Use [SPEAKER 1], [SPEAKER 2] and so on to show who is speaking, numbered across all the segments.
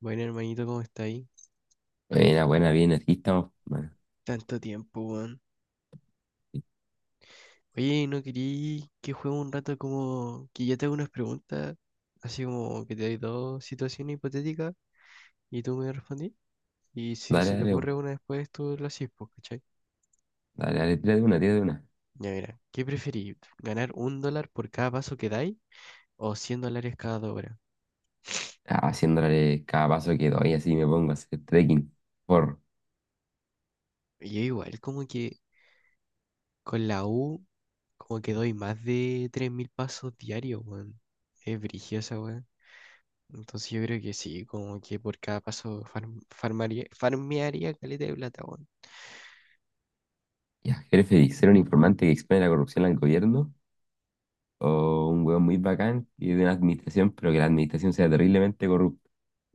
[SPEAKER 1] Bueno, hermanito, ¿cómo está ahí?
[SPEAKER 2] Buena, buena, bien, aquí estamos. Bueno,
[SPEAKER 1] Tanto tiempo, weón. Oye, ¿no querí que juegue un rato como que yo te hago unas preguntas? Así como que te doy dos situaciones hipotéticas y tú me respondís. Y si se
[SPEAKER 2] dale,
[SPEAKER 1] te
[SPEAKER 2] dale, vos.
[SPEAKER 1] ocurre una después, tú la haces, pues, ¿cachai?
[SPEAKER 2] Dale, dale, tira de una, tira de una.
[SPEAKER 1] Ya mira, ¿qué preferís? ¿Ganar un dólar por cada paso que dais o $100 cada 2 horas?
[SPEAKER 2] Ah, haciéndole cada paso que doy, así me pongo a hacer trekking. Por,
[SPEAKER 1] Y yo igual, como que con la U, como que doy más de 3.000 pasos diarios, weón. Es brigiosa, weón. Entonces yo creo que sí, como que por cada paso farmearía caleta de plata, weón.
[SPEAKER 2] ¿Ya, jefe, feliz? ¿Ser un informante que expone la corrupción al gobierno? ¿O un hueón muy bacán y de una administración, pero que la administración sea terriblemente corrupta?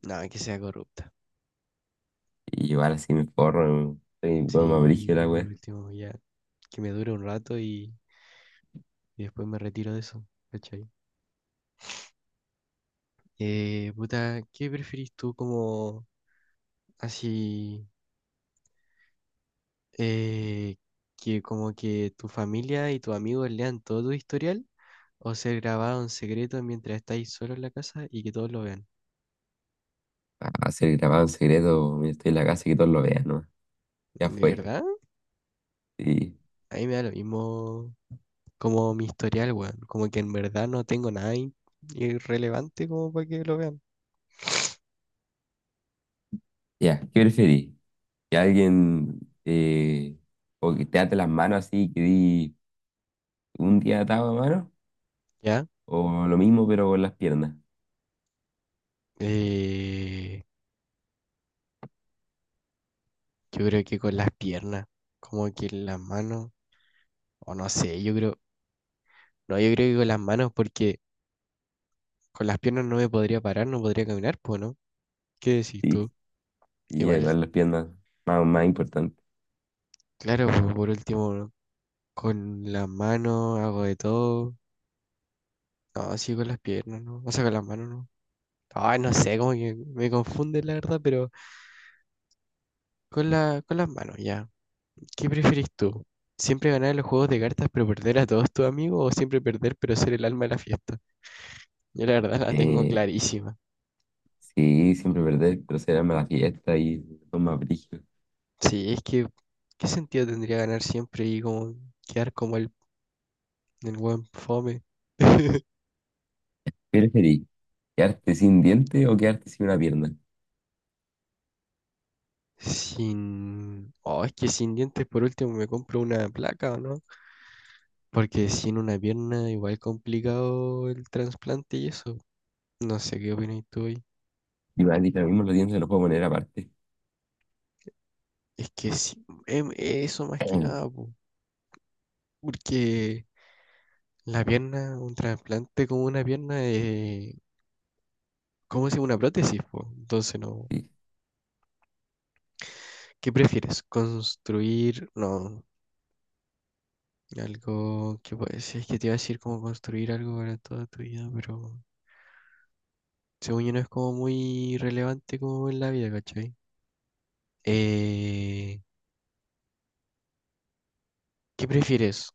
[SPEAKER 1] No, que sea corrupta.
[SPEAKER 2] Y igual así me forro, soy un hueón más brígido
[SPEAKER 1] Sí,
[SPEAKER 2] la
[SPEAKER 1] por
[SPEAKER 2] wea.
[SPEAKER 1] último, ya. Que me dure un rato y después me retiro de eso, ¿cachai? Puta, ¿qué preferís tú como así? eh, que como que tu familia y tus amigos lean todo tu historial o ser grabado en secreto mientras estáis solo en la casa y que todos lo vean.
[SPEAKER 2] A ser grabado en secreto, mira, estoy en la casa y que todos lo vean, ¿no? Ya
[SPEAKER 1] ¿De
[SPEAKER 2] fue.
[SPEAKER 1] verdad?
[SPEAKER 2] Sí.
[SPEAKER 1] A mí me da lo mismo como mi historial, weón. Como que en verdad no tengo nada irrelevante como para que lo vean.
[SPEAKER 2] Ya, ¿qué preferís? ¿Que alguien o que te ate las manos así, que di un día atado a mano,
[SPEAKER 1] ¿Ya?
[SPEAKER 2] o lo mismo pero con las piernas?
[SPEAKER 1] Eh, yo creo que con las piernas, como que las manos, o no sé, yo creo, no, yo creo que con las manos porque con las piernas no me podría parar, no podría caminar, pues, ¿no? ¿Qué decís
[SPEAKER 2] Sí,
[SPEAKER 1] tú?
[SPEAKER 2] y
[SPEAKER 1] Igual,
[SPEAKER 2] igual las piernas, más, más importante.
[SPEAKER 1] claro, pues, por último, ¿no? Con las manos hago de todo. No, sí, con las piernas, ¿no? O sea, con las manos, ¿no? Ay, no sé, como que me confunde la verdad, pero con las manos, ya. ¿Qué prefieres tú? ¿Siempre ganar en los juegos de cartas pero perder a todos tus amigos o siempre perder pero ser el alma de la fiesta? Yo la verdad la tengo
[SPEAKER 2] Eh,
[SPEAKER 1] clarísima.
[SPEAKER 2] sí, siempre perder, pero será mala fiesta y son más brígidos.
[SPEAKER 1] Sí, es que ¿qué sentido tendría ganar siempre y como quedar como el buen fome?
[SPEAKER 2] ¿Qué preferís? ¿Quedarte sin diente o quedarte sin una pierna?
[SPEAKER 1] Sin... Oh, es que sin dientes por último me compro una placa, ¿o no? Porque sin una pierna igual complicado el trasplante y eso. No sé qué opinas tú ahí.
[SPEAKER 2] Y me han dicho lo mismo, los dientes los puedo poner aparte.
[SPEAKER 1] Es que sí, eso más que nada, po. Porque la pierna, un trasplante como una pierna, ¿cómo se llama? Una prótesis, po. Entonces, no.
[SPEAKER 2] Sí,
[SPEAKER 1] ¿Qué prefieres? ¿Construir? No, algo que puede ser. Es que te iba a decir como construir algo para toda tu vida, pero según yo no es como muy relevante como en la vida, ¿cachai? Eh, ¿Qué prefieres?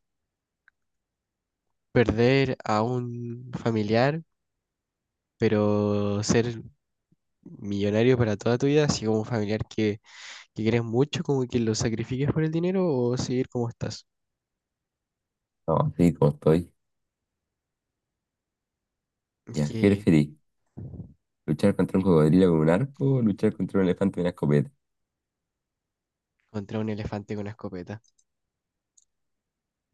[SPEAKER 1] ¿Perder a un familiar, pero ser millonario para toda tu vida? Así como un familiar que quieres mucho, como que lo sacrifiques por el dinero, o seguir como estás.
[SPEAKER 2] no, sí, como estoy. Ya, ¿qué
[SPEAKER 1] Que
[SPEAKER 2] preferís? ¿Luchar contra un cocodrilo con un arco o luchar contra un elefante con una escopeta?
[SPEAKER 1] contra un elefante con una escopeta.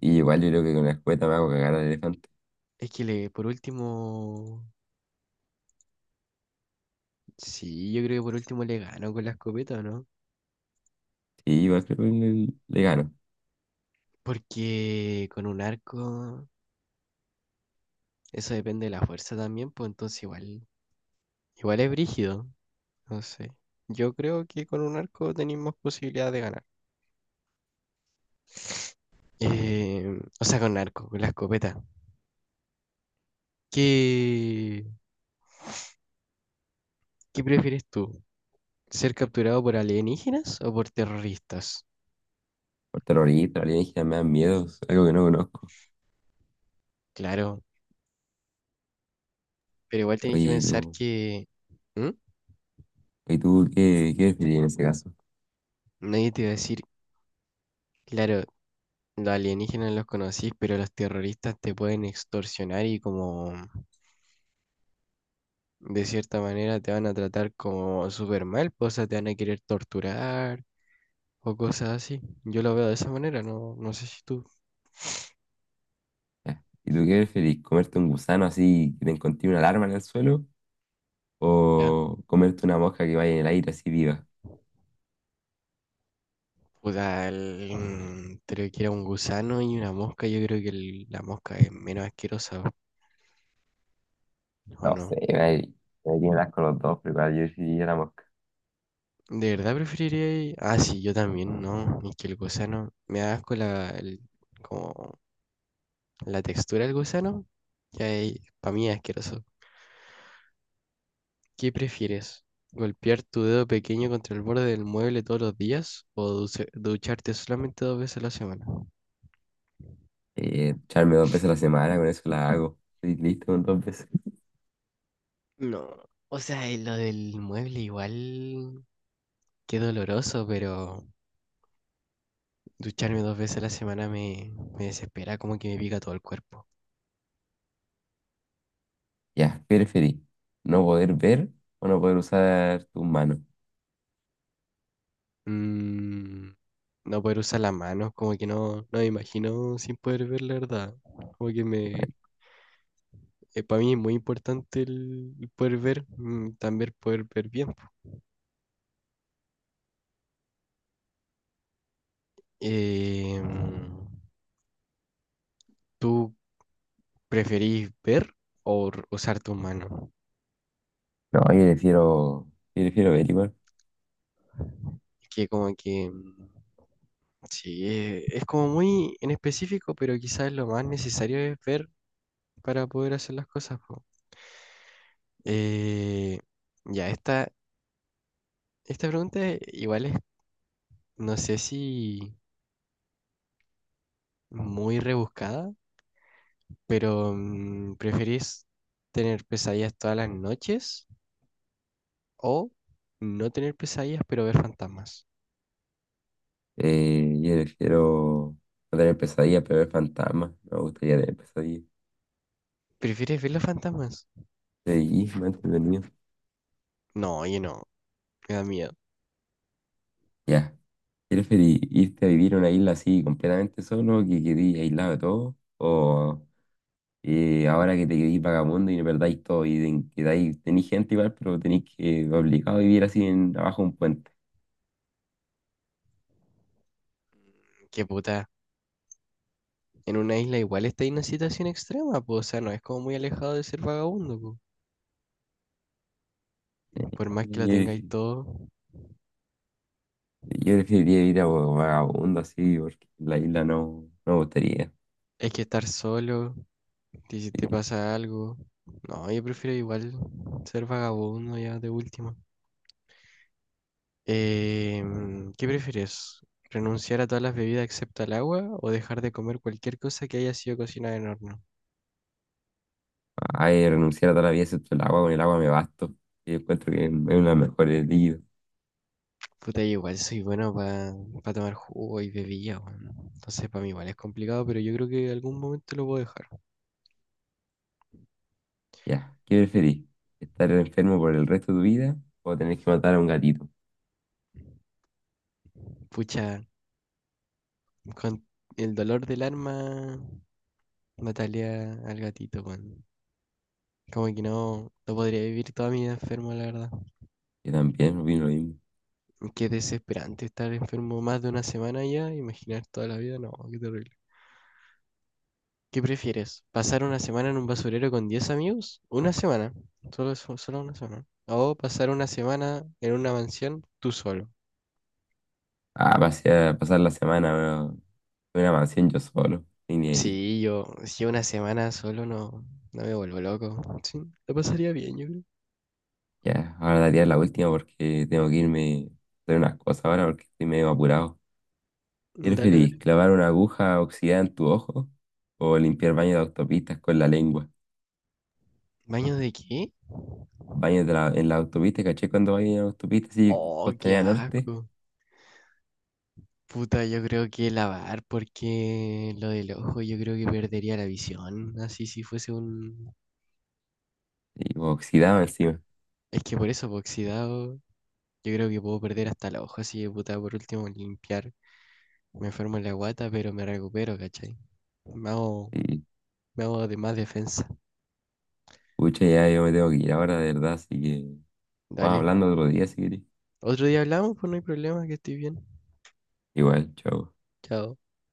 [SPEAKER 2] Y igual yo creo que con la escueta me hago cagar al elefante.
[SPEAKER 1] Es que le, por último, sí, yo creo que por último le gano con la escopeta, ¿o no?
[SPEAKER 2] Sí, igual creo que le gano.
[SPEAKER 1] Porque con un arco, eso depende de la fuerza también, pues entonces igual, es brígido, no sé. Yo creo que con un arco tenéis más posibilidad de ganar. O sea, con un arco, con la escopeta. ¿Qué, qué prefieres tú? ¿Ser capturado por alienígenas o por terroristas?
[SPEAKER 2] Por terrorista, alienígena, me dan miedos, algo que no conozco.
[SPEAKER 1] Claro, pero igual tenéis
[SPEAKER 2] Oye,
[SPEAKER 1] que
[SPEAKER 2] ¿y
[SPEAKER 1] pensar
[SPEAKER 2] tú,
[SPEAKER 1] que... ¿Mm?
[SPEAKER 2] ¿y tú qué preferís en ese caso?
[SPEAKER 1] Nadie te va a decir, claro, los alienígenas los conocís, pero los terroristas te pueden extorsionar y como de cierta manera te van a tratar como súper mal, pues, o sea, te van a querer torturar o cosas así. Yo lo veo de esa manera, no, no sé si tú.
[SPEAKER 2] Ya. ¿Y tú qué preferís? ¿Comerte un gusano así que te encontré una alarma en el suelo?
[SPEAKER 1] ¿Ya?
[SPEAKER 2] ¿O comerte una mosca que vaya en el aire así viva?
[SPEAKER 1] Puta, creo que era un gusano y una mosca. Yo creo que la mosca es menos asquerosa, ¿o
[SPEAKER 2] No sé,
[SPEAKER 1] no?
[SPEAKER 2] me tienen asco los dos, pero igual yo preferiría la mosca.
[SPEAKER 1] ¿De verdad preferiría? Ah, sí, yo también, ¿no? Es que el gusano me da asco como la textura del gusano, que para mí es asqueroso. ¿Qué prefieres? ¿Golpear tu dedo pequeño contra el borde del mueble todos los días o ducharte solamente dos veces a la semana?
[SPEAKER 2] Echarme dos veces a la semana, con eso la hago. Estoy listo con dos veces.
[SPEAKER 1] No, o sea, lo del mueble igual, qué doloroso, pero ducharme dos veces a la semana me desespera, como que me pica todo el cuerpo.
[SPEAKER 2] Ya, ¿qué preferís? ¿No poder ver o no poder usar tus manos?
[SPEAKER 1] Mm, no poder usar las manos, como que no me imagino sin poder ver la verdad, como que
[SPEAKER 2] No,
[SPEAKER 1] para mí es muy importante el poder ver, también poder ver bien, po. Eh, mm, ¿Tú preferís ver o usar tu mano?
[SPEAKER 2] yo prefiero, yo prefiero ver igual.
[SPEAKER 1] Es que como que, sí, es como muy en específico, pero quizás lo más necesario es ver para poder hacer las cosas, po. Eh, ya, esta pregunta igual es, no sé si muy rebuscada, pero ¿preferís tener pesadillas todas las noches? O no tener pesadillas, pero ver fantasmas.
[SPEAKER 2] Yo prefiero no tener pesadillas, pero ver fantasmas. Me gustaría tener pesadillas.
[SPEAKER 1] ¿Prefieres ver los fantasmas?
[SPEAKER 2] Sí, más entretenido.
[SPEAKER 1] No, oye, no. Me da miedo.
[SPEAKER 2] Ya. ¿Quieres irte a vivir a una isla así completamente solo, que quedís aislado de todo? ¿O ahora que te quedís vagabundo y no perdáis todo y tenéis gente igual, pero tenéis que obligado a vivir así en, abajo de un puente?
[SPEAKER 1] Qué puta. En una isla igual está en una situación extrema, pues. O sea, no es como muy alejado de ser vagabundo, po. Por más
[SPEAKER 2] Yo,
[SPEAKER 1] que lo tengáis
[SPEAKER 2] prefi-
[SPEAKER 1] todo,
[SPEAKER 2] yo preferiría ir a vagabundo así, porque en la isla no, no me gustaría.
[SPEAKER 1] hay que estar solo. Y si te
[SPEAKER 2] Sí.
[SPEAKER 1] pasa algo. No, yo prefiero igual ser vagabundo ya de última. Eh, ¿Qué prefieres? ¿Renunciar a todas las bebidas excepto al agua o dejar de comer cualquier cosa que haya sido cocinada en horno?
[SPEAKER 2] Ay, renunciar a toda la vida excepto el agua, con el agua me basto. Y encuentro que es uno de los mejores líquidos.
[SPEAKER 1] Puta, yo igual soy bueno para tomar jugo y bebida, weón. Entonces, para mí igual es complicado, pero yo creo que en algún momento lo puedo dejar.
[SPEAKER 2] Ya, ¿qué preferís? ¿Estar enfermo por el resto de tu vida o tener que matar a un gatito?
[SPEAKER 1] Pucha, con el dolor del arma, mataría al gatito, weón. Como que no, no podría vivir toda mi vida enfermo, la verdad.
[SPEAKER 2] Yo también opino lo mismo.
[SPEAKER 1] Qué desesperante estar enfermo más de una semana ya, imaginar toda la vida, no, qué terrible. ¿Qué prefieres? ¿Pasar una semana en un basurero con 10 amigos? Una semana, solo, solo una semana. O pasar una semana en una mansión tú solo.
[SPEAKER 2] Ah, pasar la semana bueno, en una mansión yo solo, y ni ahí.
[SPEAKER 1] Sí, yo, si una semana solo no, me vuelvo loco. Sí, lo pasaría bien, yo creo.
[SPEAKER 2] Ya, ahora daría la última porque tengo que irme a hacer unas cosas ahora porque estoy medio apurado. ¿Qué
[SPEAKER 1] Dale, dale.
[SPEAKER 2] preferís? ¿Clavar una aguja oxidada en tu ojo o limpiar baño de autopistas con la lengua?
[SPEAKER 1] ¿Baño de qué?
[SPEAKER 2] Baños en la autopista, caché cuando baño en la autopista, sí,
[SPEAKER 1] Oh, qué
[SPEAKER 2] costanera norte,
[SPEAKER 1] asco. Puta, yo creo que lavar, porque lo del ojo yo creo que perdería la visión. Así si fuese un...
[SPEAKER 2] y pues, oxidado encima.
[SPEAKER 1] Es que por eso, po, oxidado, yo creo que puedo perder hasta el ojo, así que puta, por último limpiar. Me enfermo en la guata, pero me recupero, ¿cachai? Me hago,
[SPEAKER 2] Y
[SPEAKER 1] me hago de más defensa.
[SPEAKER 2] pucha, ya yo me tengo que ir ahora, de verdad, así que vamos
[SPEAKER 1] Dale.
[SPEAKER 2] hablando otro día si querés.
[SPEAKER 1] Otro día hablamos, pues no hay problema, que estoy bien.
[SPEAKER 2] Igual, chao.
[SPEAKER 1] Chao.